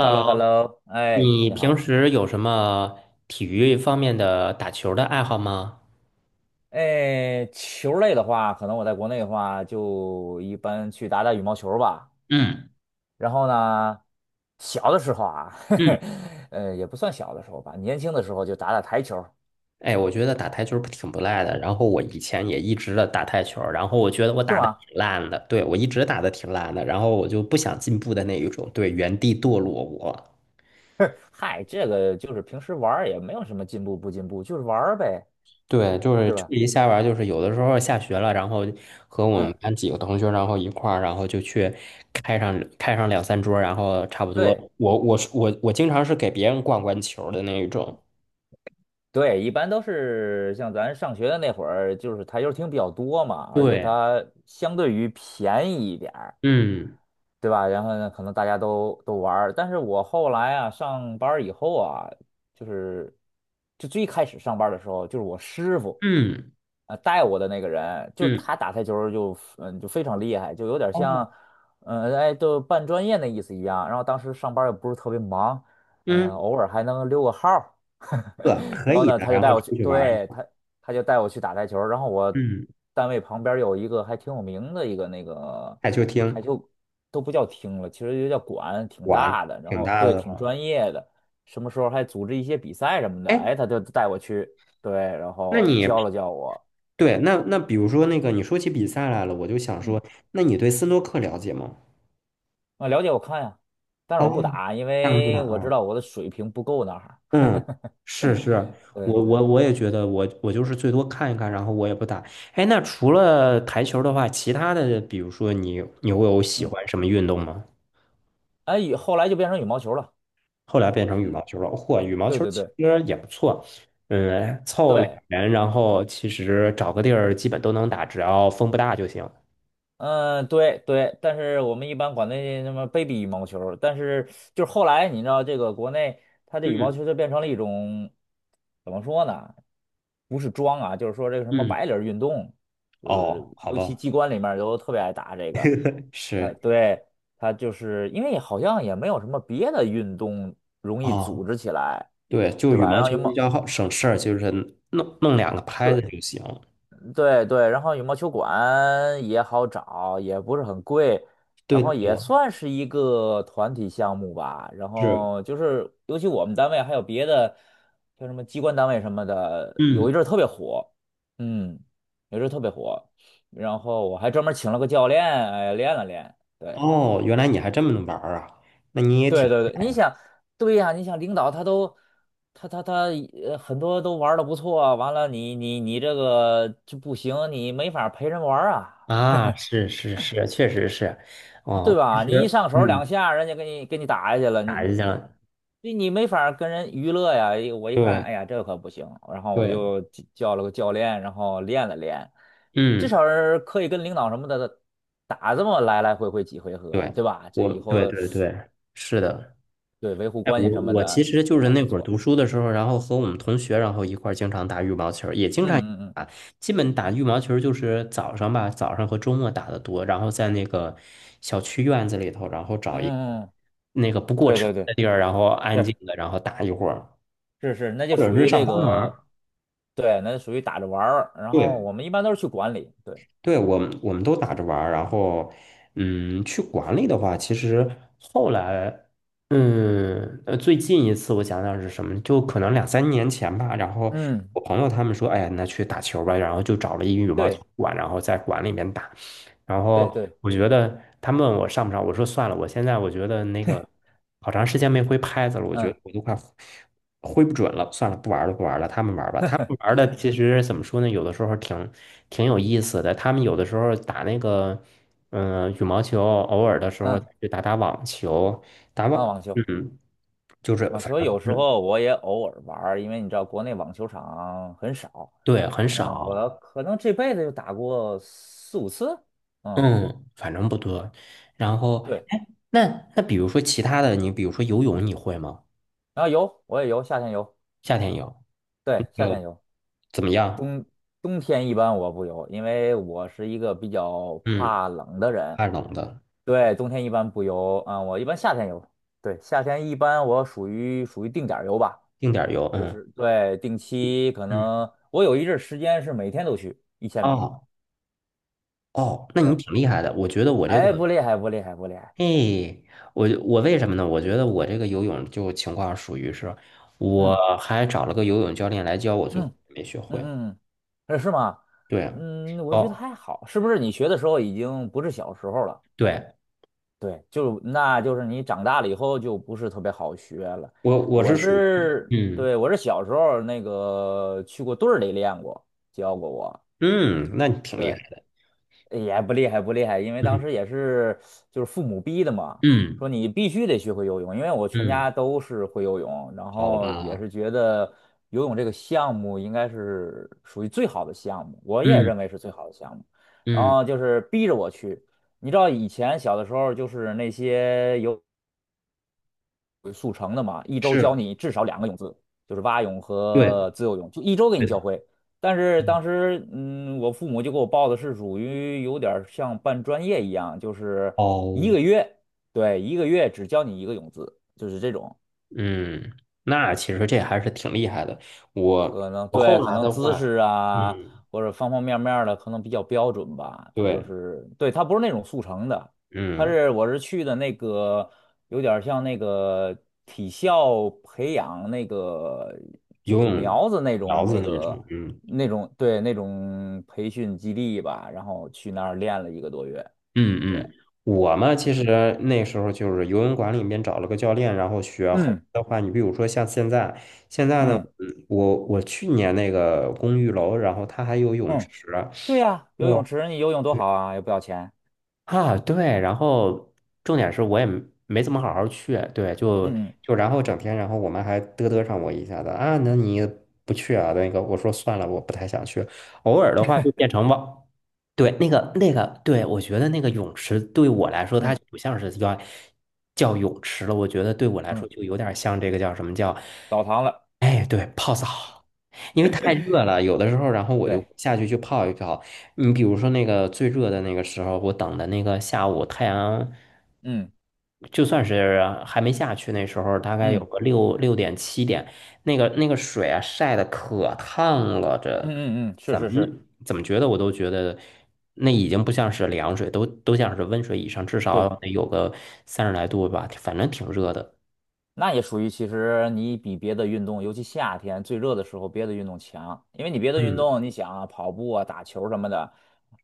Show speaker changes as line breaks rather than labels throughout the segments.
h e l l o h e l l o 哎，
你
你
平
好。
时有什么体育方面的打球的爱好吗？
哎，球类的话，可能我在国内的话，就一般去打打羽毛球吧。
嗯
然后呢，小的时候啊，呵
嗯，
呵，也不算小的时候吧，年轻的时候就打打台球，
哎，我觉得打台球不挺不赖的。然后我以前也一直的打台球，然后我觉得我
是
打的
吗？
挺烂的，对，我一直打的挺烂的，然后我就不想进步的那一种，对，原地堕落我。
嗨，这个就是平时玩儿也没有什么进步不进步，就是玩儿呗，
对，就是
对
秋
吧？
季下玩儿就是有的时候下学了，然后和我们
嗯，
班几个同学，然后一块儿，然后就去开上两三桌儿然后差不多，
对。
我经常是给别人灌灌球儿的那一种。
对，一般都是像咱上学的那会儿，就是台球厅比较多嘛，而且
对，
它相对于便宜一点儿，
嗯
对吧？然后呢，可能大家都玩儿但是我后来啊，上班儿以后啊，就是就最开始上班儿的时候，就是我师傅
嗯
带我的那个人，就是
嗯
他打台球儿就非常厉害，就有点
哦
像都半专业的意思一样。然后当时上班儿也不是特别忙，
嗯，
偶尔还能溜个号儿
可
然后
以
呢，
的，
他就
然
带
后
我去，
出去玩儿一
对，
下。
他就带我去打台球儿然后我
嗯，
单位旁边儿有一个还挺有名的一个那个
台球
台
厅
球，都不叫厅了，其实就叫馆，挺
玩
大的。然
挺
后
大
对，
的
挺
了。
专业的，什么时候还组织一些比赛什么的。哎，
哎，
他就带我去，对，然
那
后
你
教了教我，
那比如说那个你说起比赛来了，我就想
嗯，
说，那你对斯诺克了解吗？
啊，了解我看呀，但是我不
哦，
打，因
这样子的
为我知
啊，
道我的水平不够那哈。
嗯，是是，
对
我
对，
我我也觉得我就是最多看一看，然后我也不打。哎，那除了台球的话，其他的，比如说你会有喜
嗯，
欢什么运动吗？
哎，以后来就变成羽毛球了。
后来变成羽
嗯，
毛球了，嚯，羽毛
对
球
对
其
对。
实也不错，嗯，凑个两
对，
人，然后其实找个地儿基本都能打，只要风不大就行。
嗯，对对，但是我们一般管那什么 baby 羽毛球儿但是就是后来你知道这个国内它这羽毛
嗯
球就变成了一种怎么说呢？不是装啊，就是说这个什么
嗯，
白领儿运动，就是
哦，好
尤其
吧，
机关里面儿都特别爱打这个。
是，
对，它就是因为好像也没有什么别的运动容易组
哦，
织起来，
对，就
对
羽
吧？
毛
让羽
球比
毛。
较好省事儿，就是弄弄两个拍子就行。
对对，然后羽毛球馆也好找，也不是很贵，然
对的，
后也算是一个团体项目吧。然
是。
后就是，尤其我们单位还有别的，像什么机关单位什么的，有一
嗯。
阵儿特别火，嗯，有一阵儿特别火。然后我还专门请了个教练，哎，练了练。对
哦，原来你还这么能玩儿啊？那你也
对
挺
对对，你想，对呀，你想领导他都。他很多都玩的不错，完了你这个就不行，你没法陪人玩儿啊。
啊，是是是，确实是，
对
哦，其
吧？你一
实，
上手
嗯，
两下，人家给你给你打下去了，你
打一
你
下，
你你没法儿跟人娱乐呀。一我一看，
对
哎呀，这可不行，然后我
对，
就叫了个教练，然后练了练，至
嗯，
少是可以跟领导什么的打这么来来回回几回合，
对，
对吧？这
我
以
对
后
对对，是的。
对维护
哎，
关
我
系什么
我其
的
实就是
还
那
不
会儿
错。
读书的时候，然后和我们同学，然后一块儿经常打羽毛球儿也经
嗯
常
嗯
基本打羽毛球儿就是早上吧，早上和周末打的多，然后在那个小区院子里头，然后找一个
嗯嗯嗯，
那个不过
对
车
对
的
对，
地儿，然后安静
是
的，然后打一会儿。
是是，那
或
就
者
属
是
于
上
这
班玩儿，
个，对，那就属于打着玩儿。然后
对
我们一般都是去管理，对，
对，我们都打着玩儿，然后，嗯，去馆里的话，其实后来，嗯最近一次我想想是什么，就可能两三年前吧。然后
嗯，
我朋友他们说，哎呀，那去打球吧，然后就找了一羽毛球
对
馆，然后在馆里面打。然
对
后
对。
我觉得他们问我上不上，我说算了，我现在我觉得那个好长
对，
时间没挥拍子了，我觉得
嗯
我都快挥不准了，算了，不玩了，不玩了，他们玩吧。他们玩的其实怎么说呢？有的时候挺有意思的。他们有的时候打那个，嗯、羽毛球，偶尔的时候
嗯
就打打网球，
啊，网球，
嗯，就是
网
反
球
正
有时
是，
候我也偶尔玩儿，因为你知道国内网球场很少。
对，很
嗯，
少，
我可能这辈子就打过四五次。嗯，
嗯，反正不多。然后，
对，
哎，那比如说其他的，你比如说游泳，你会吗？
然后游我也游，夏天游，
夏天游，
对，夏
呃，
天游，
怎么样？
冬天一般我不游，因为我是一个比较
嗯，
怕冷的人。
怕冷的，
对，冬天一般不游啊，我一般夏天游。对，夏天一般我属于属于定点儿游吧。
定点儿游，
就
嗯
是对，定期可
嗯。
能我有一阵儿时间是每天都去1000米，
哦哦，那你
对，
挺厉害的。我觉得我这
哎，
个
不厉害，不厉害，不厉害，
嘿，我为什么呢？我觉得我这个游泳就情况属于是，我
嗯
还找了个游泳教练来教我，最
嗯
后没学
嗯
会。
嗯，是吗？
对，
嗯，我觉得
哦，
还好，是不是你学的时候已经不是小时候了？
对，
对，就那就是你长大了以后就不是特别好学了。
我
我
是属于，
是，
嗯
对，我是小时候那个去过队儿里练过，教过我。
嗯，那你挺厉害
对，
的，
也不厉害，不厉害，因为当时
嗯
也是就是父母逼的嘛，
嗯
说你必须得学会游泳，因为我全
嗯，
家都是会游泳，然
好
后也
吧，
是觉得游泳这个项目应该是属于最好的项目，我也
嗯
认为是最好的项目，然
嗯，
后就是逼着我去。你知道以前小的时候，就是那些游。速成的嘛，一周教
是，
你至少两个泳姿，就是蛙泳
对，
和自由泳，就一周给你
对
教
的，
会。但是
嗯，
当时，嗯，我父母就给我报的是属于有点儿像办专业一样，就是一
哦，
个月，对，一个月只教你一个泳姿，就是这种。
嗯，那其实这还是挺厉害的。我
可能
我
对，
后
可
来
能
的
姿
话，
势
嗯，
啊，或者方方面面儿的，可能比较标准吧。它就
对，
是，对，它不是那种速成的，它
嗯，
是我是去的那个，有点儿像那个体校培养那个，就
游
是
泳
苗子那
苗
种
子
那
那
个
种，嗯。
那种对那种培训基地吧，然后去那儿练了1个多月。
嗯
对，
嗯，我嘛，
就
其
是
实那时候就是游泳馆里面找了个教练，然后学。后
嗯
来的话，你比如说像现在，现在呢，
嗯
我去年那个公寓楼，然后它还有泳池，
嗯，对呀，游泳
哦，
池你游泳多好啊，又不要钱。
啊，对，然后重点是我也没怎么好好去，对，就
嗯
就然后整天，然后我们还嘚嘚上我一下子啊，那你不去啊？那个我说算了，我不太想去。偶尔的话就变成吧，对，那个那个，对，我觉得那个泳池对我来说，它
嗯
就不像是叫泳池了，我觉得对我来
嗯
说
嗯，
就有点像这个叫什么叫，
澡堂了。
哎，对，泡澡，因为太热 了，有的时候，然后我就
对，
下去去泡一泡。你比如说那个最热的那个时候，我等的那个下午，太阳
嗯
就算是还没下去，那时候大概有
嗯
个六点七点，那个那个水啊晒的可烫了，
嗯
这
嗯嗯，是
怎么
是是，
怎么觉得我都觉得那已经不像是凉水，都像是温水以上，至少
对，
得有个30来度吧，反正挺热的。
那也属于其实你比别的运动，尤其夏天最热的时候，别的运动强，因为你别的运
嗯，
动，你想啊，跑步啊、打球什么的，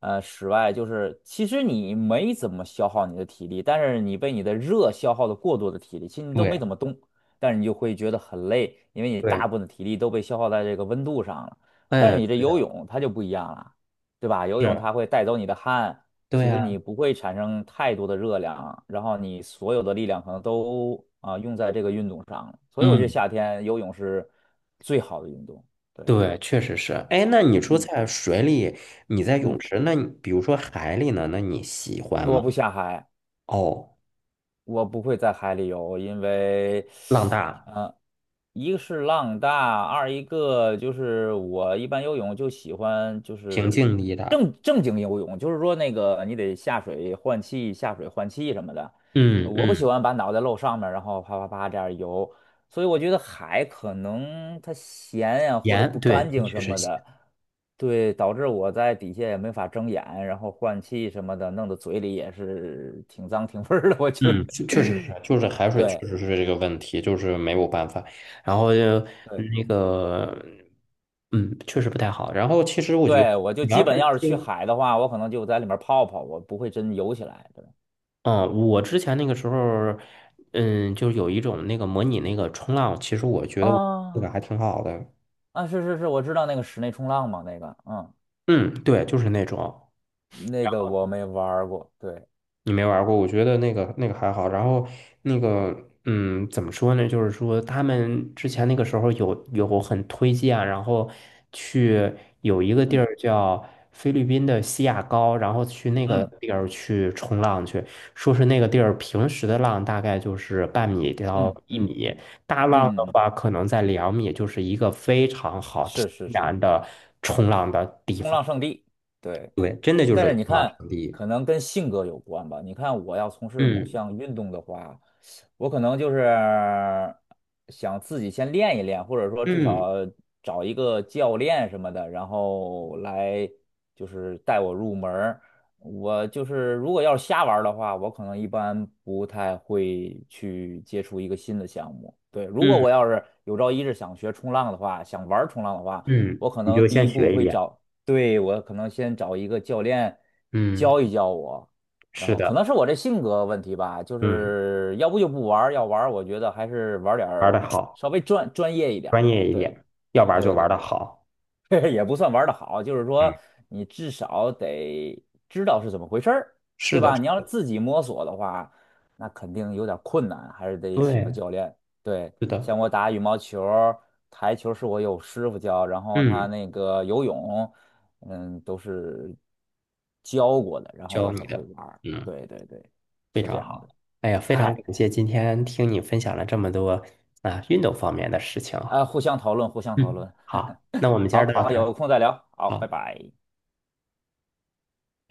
室外就是其实你没怎么消耗你的体力，但是你被你的热消耗的过多的体力，其实你都没
对
怎么动，但是你就会觉得很累，因为你大
对，
部分的体力都被消耗在这个温度上了。但是
哎，
你这
对
游
的，
泳它就不一样了，对吧？游泳
是，
它会带走你的汗。
对
其实
呀，
你不会产生太多的热量，然后你所有的力量可能都用在这个运动上了。所以我觉得
嗯。
夏天游泳是最好的运动。对，
对，确实是。哎，那你说
嗯
在水里，你在泳
嗯，
池，那你比如说海里呢？那你喜欢
我
吗？
不下海，
哦，
我不会在海里游，因为，
浪大，
呃，一个是浪大，二一个就是我一般游泳就喜欢就
平
是
静力大。
正经游泳，就是说那个你得下水换气，下水换气什么的。
嗯
我不喜
嗯，
欢把脑袋露上面，然后啪啪啪这样游。所以我觉得海可能它咸呀、或者
盐，
不
对，
干净
确
什
实
么
咸，
的，对，导致我在底下也没法睁眼，然后换气什么的，弄得嘴里也是挺脏挺味儿的。我就，
嗯，确确实是，就是海 水确
对
实是这个问题，就是没有办法。然后就
对
那个，嗯，确实不太好。然后其实我觉得，
对，我就
你
基
要
本
是
要是去
去，
海的话，我可能就在里面泡泡，我不会真游起来的。
嗯，我之前那个时候，嗯，就是有一种那个模拟那个冲浪，其实我觉得我那个
啊
还挺好的。
啊，是是是，我知道那个室内冲浪嘛，那个，嗯，
嗯，对，就是那种
那个我没玩儿过。对，
你没玩过，我觉得那个那个还好。然后那个，嗯，怎么说呢？就是说他们之前那个时候有很推荐，然后去有一个地
嗯
儿叫菲律宾的西亚高，然后去那个
嗯
地儿去冲浪去，说是那个地儿平时的浪大概就是半米到
嗯
一
嗯
米，大浪
嗯
的
嗯，嗯，
话可能在2米，就是一个非常好天
是是是，
然的冲浪的地
冲
方。
浪圣地。对。
对，真的就
但
是
是你
冲浪
看，
圣地。
可能跟性格有关吧。你看，我要从事某
嗯。
项运动的话，我可能就是想自己先练一练，或者说至
嗯
少找一个教练什么的，然后来就是带我入门儿。我就是如果要是瞎玩儿的话，我可能一般不太会去接触一个新的项目。对，如果
嗯
我要是有朝一日想学冲浪的话，想玩儿冲浪的话，
嗯，
我可
你
能
就
第
先
一步
学一
会
遍。
找。对，我可能先找一个教练
嗯，
教一教我，然
是
后可能
的，
是我这性格问题吧，就
嗯，
是要不就不玩儿要玩儿我觉得还是玩儿点
玩的
儿
好，
稍微专业一点
专
儿的。
业一
对，
点，要玩就
对
玩
对
的
对。
好。
也不算玩的好，就是
嗯，
说你至少得知道是怎么回事儿，对
是的，
吧？你要是自己摸索的话，那肯定有点儿困难，还是得请个
对，
教练。对，
是
像
的，
我打羽毛球儿台球是我有师傅教，然后他
嗯，
那个游泳，嗯，都是教过的，然后我
教你
很会
的，
玩儿
嗯，
对对对，
非
是这
常
样
好。
的。
哎呀，非常
嗨，
感谢今天听你分享了这么多啊运动方面的事情啊。
啊，互相讨论，互相讨
嗯，
论。
好，那我 们今儿
好
到
好，
这儿。
有空再聊。好，
好。
拜拜。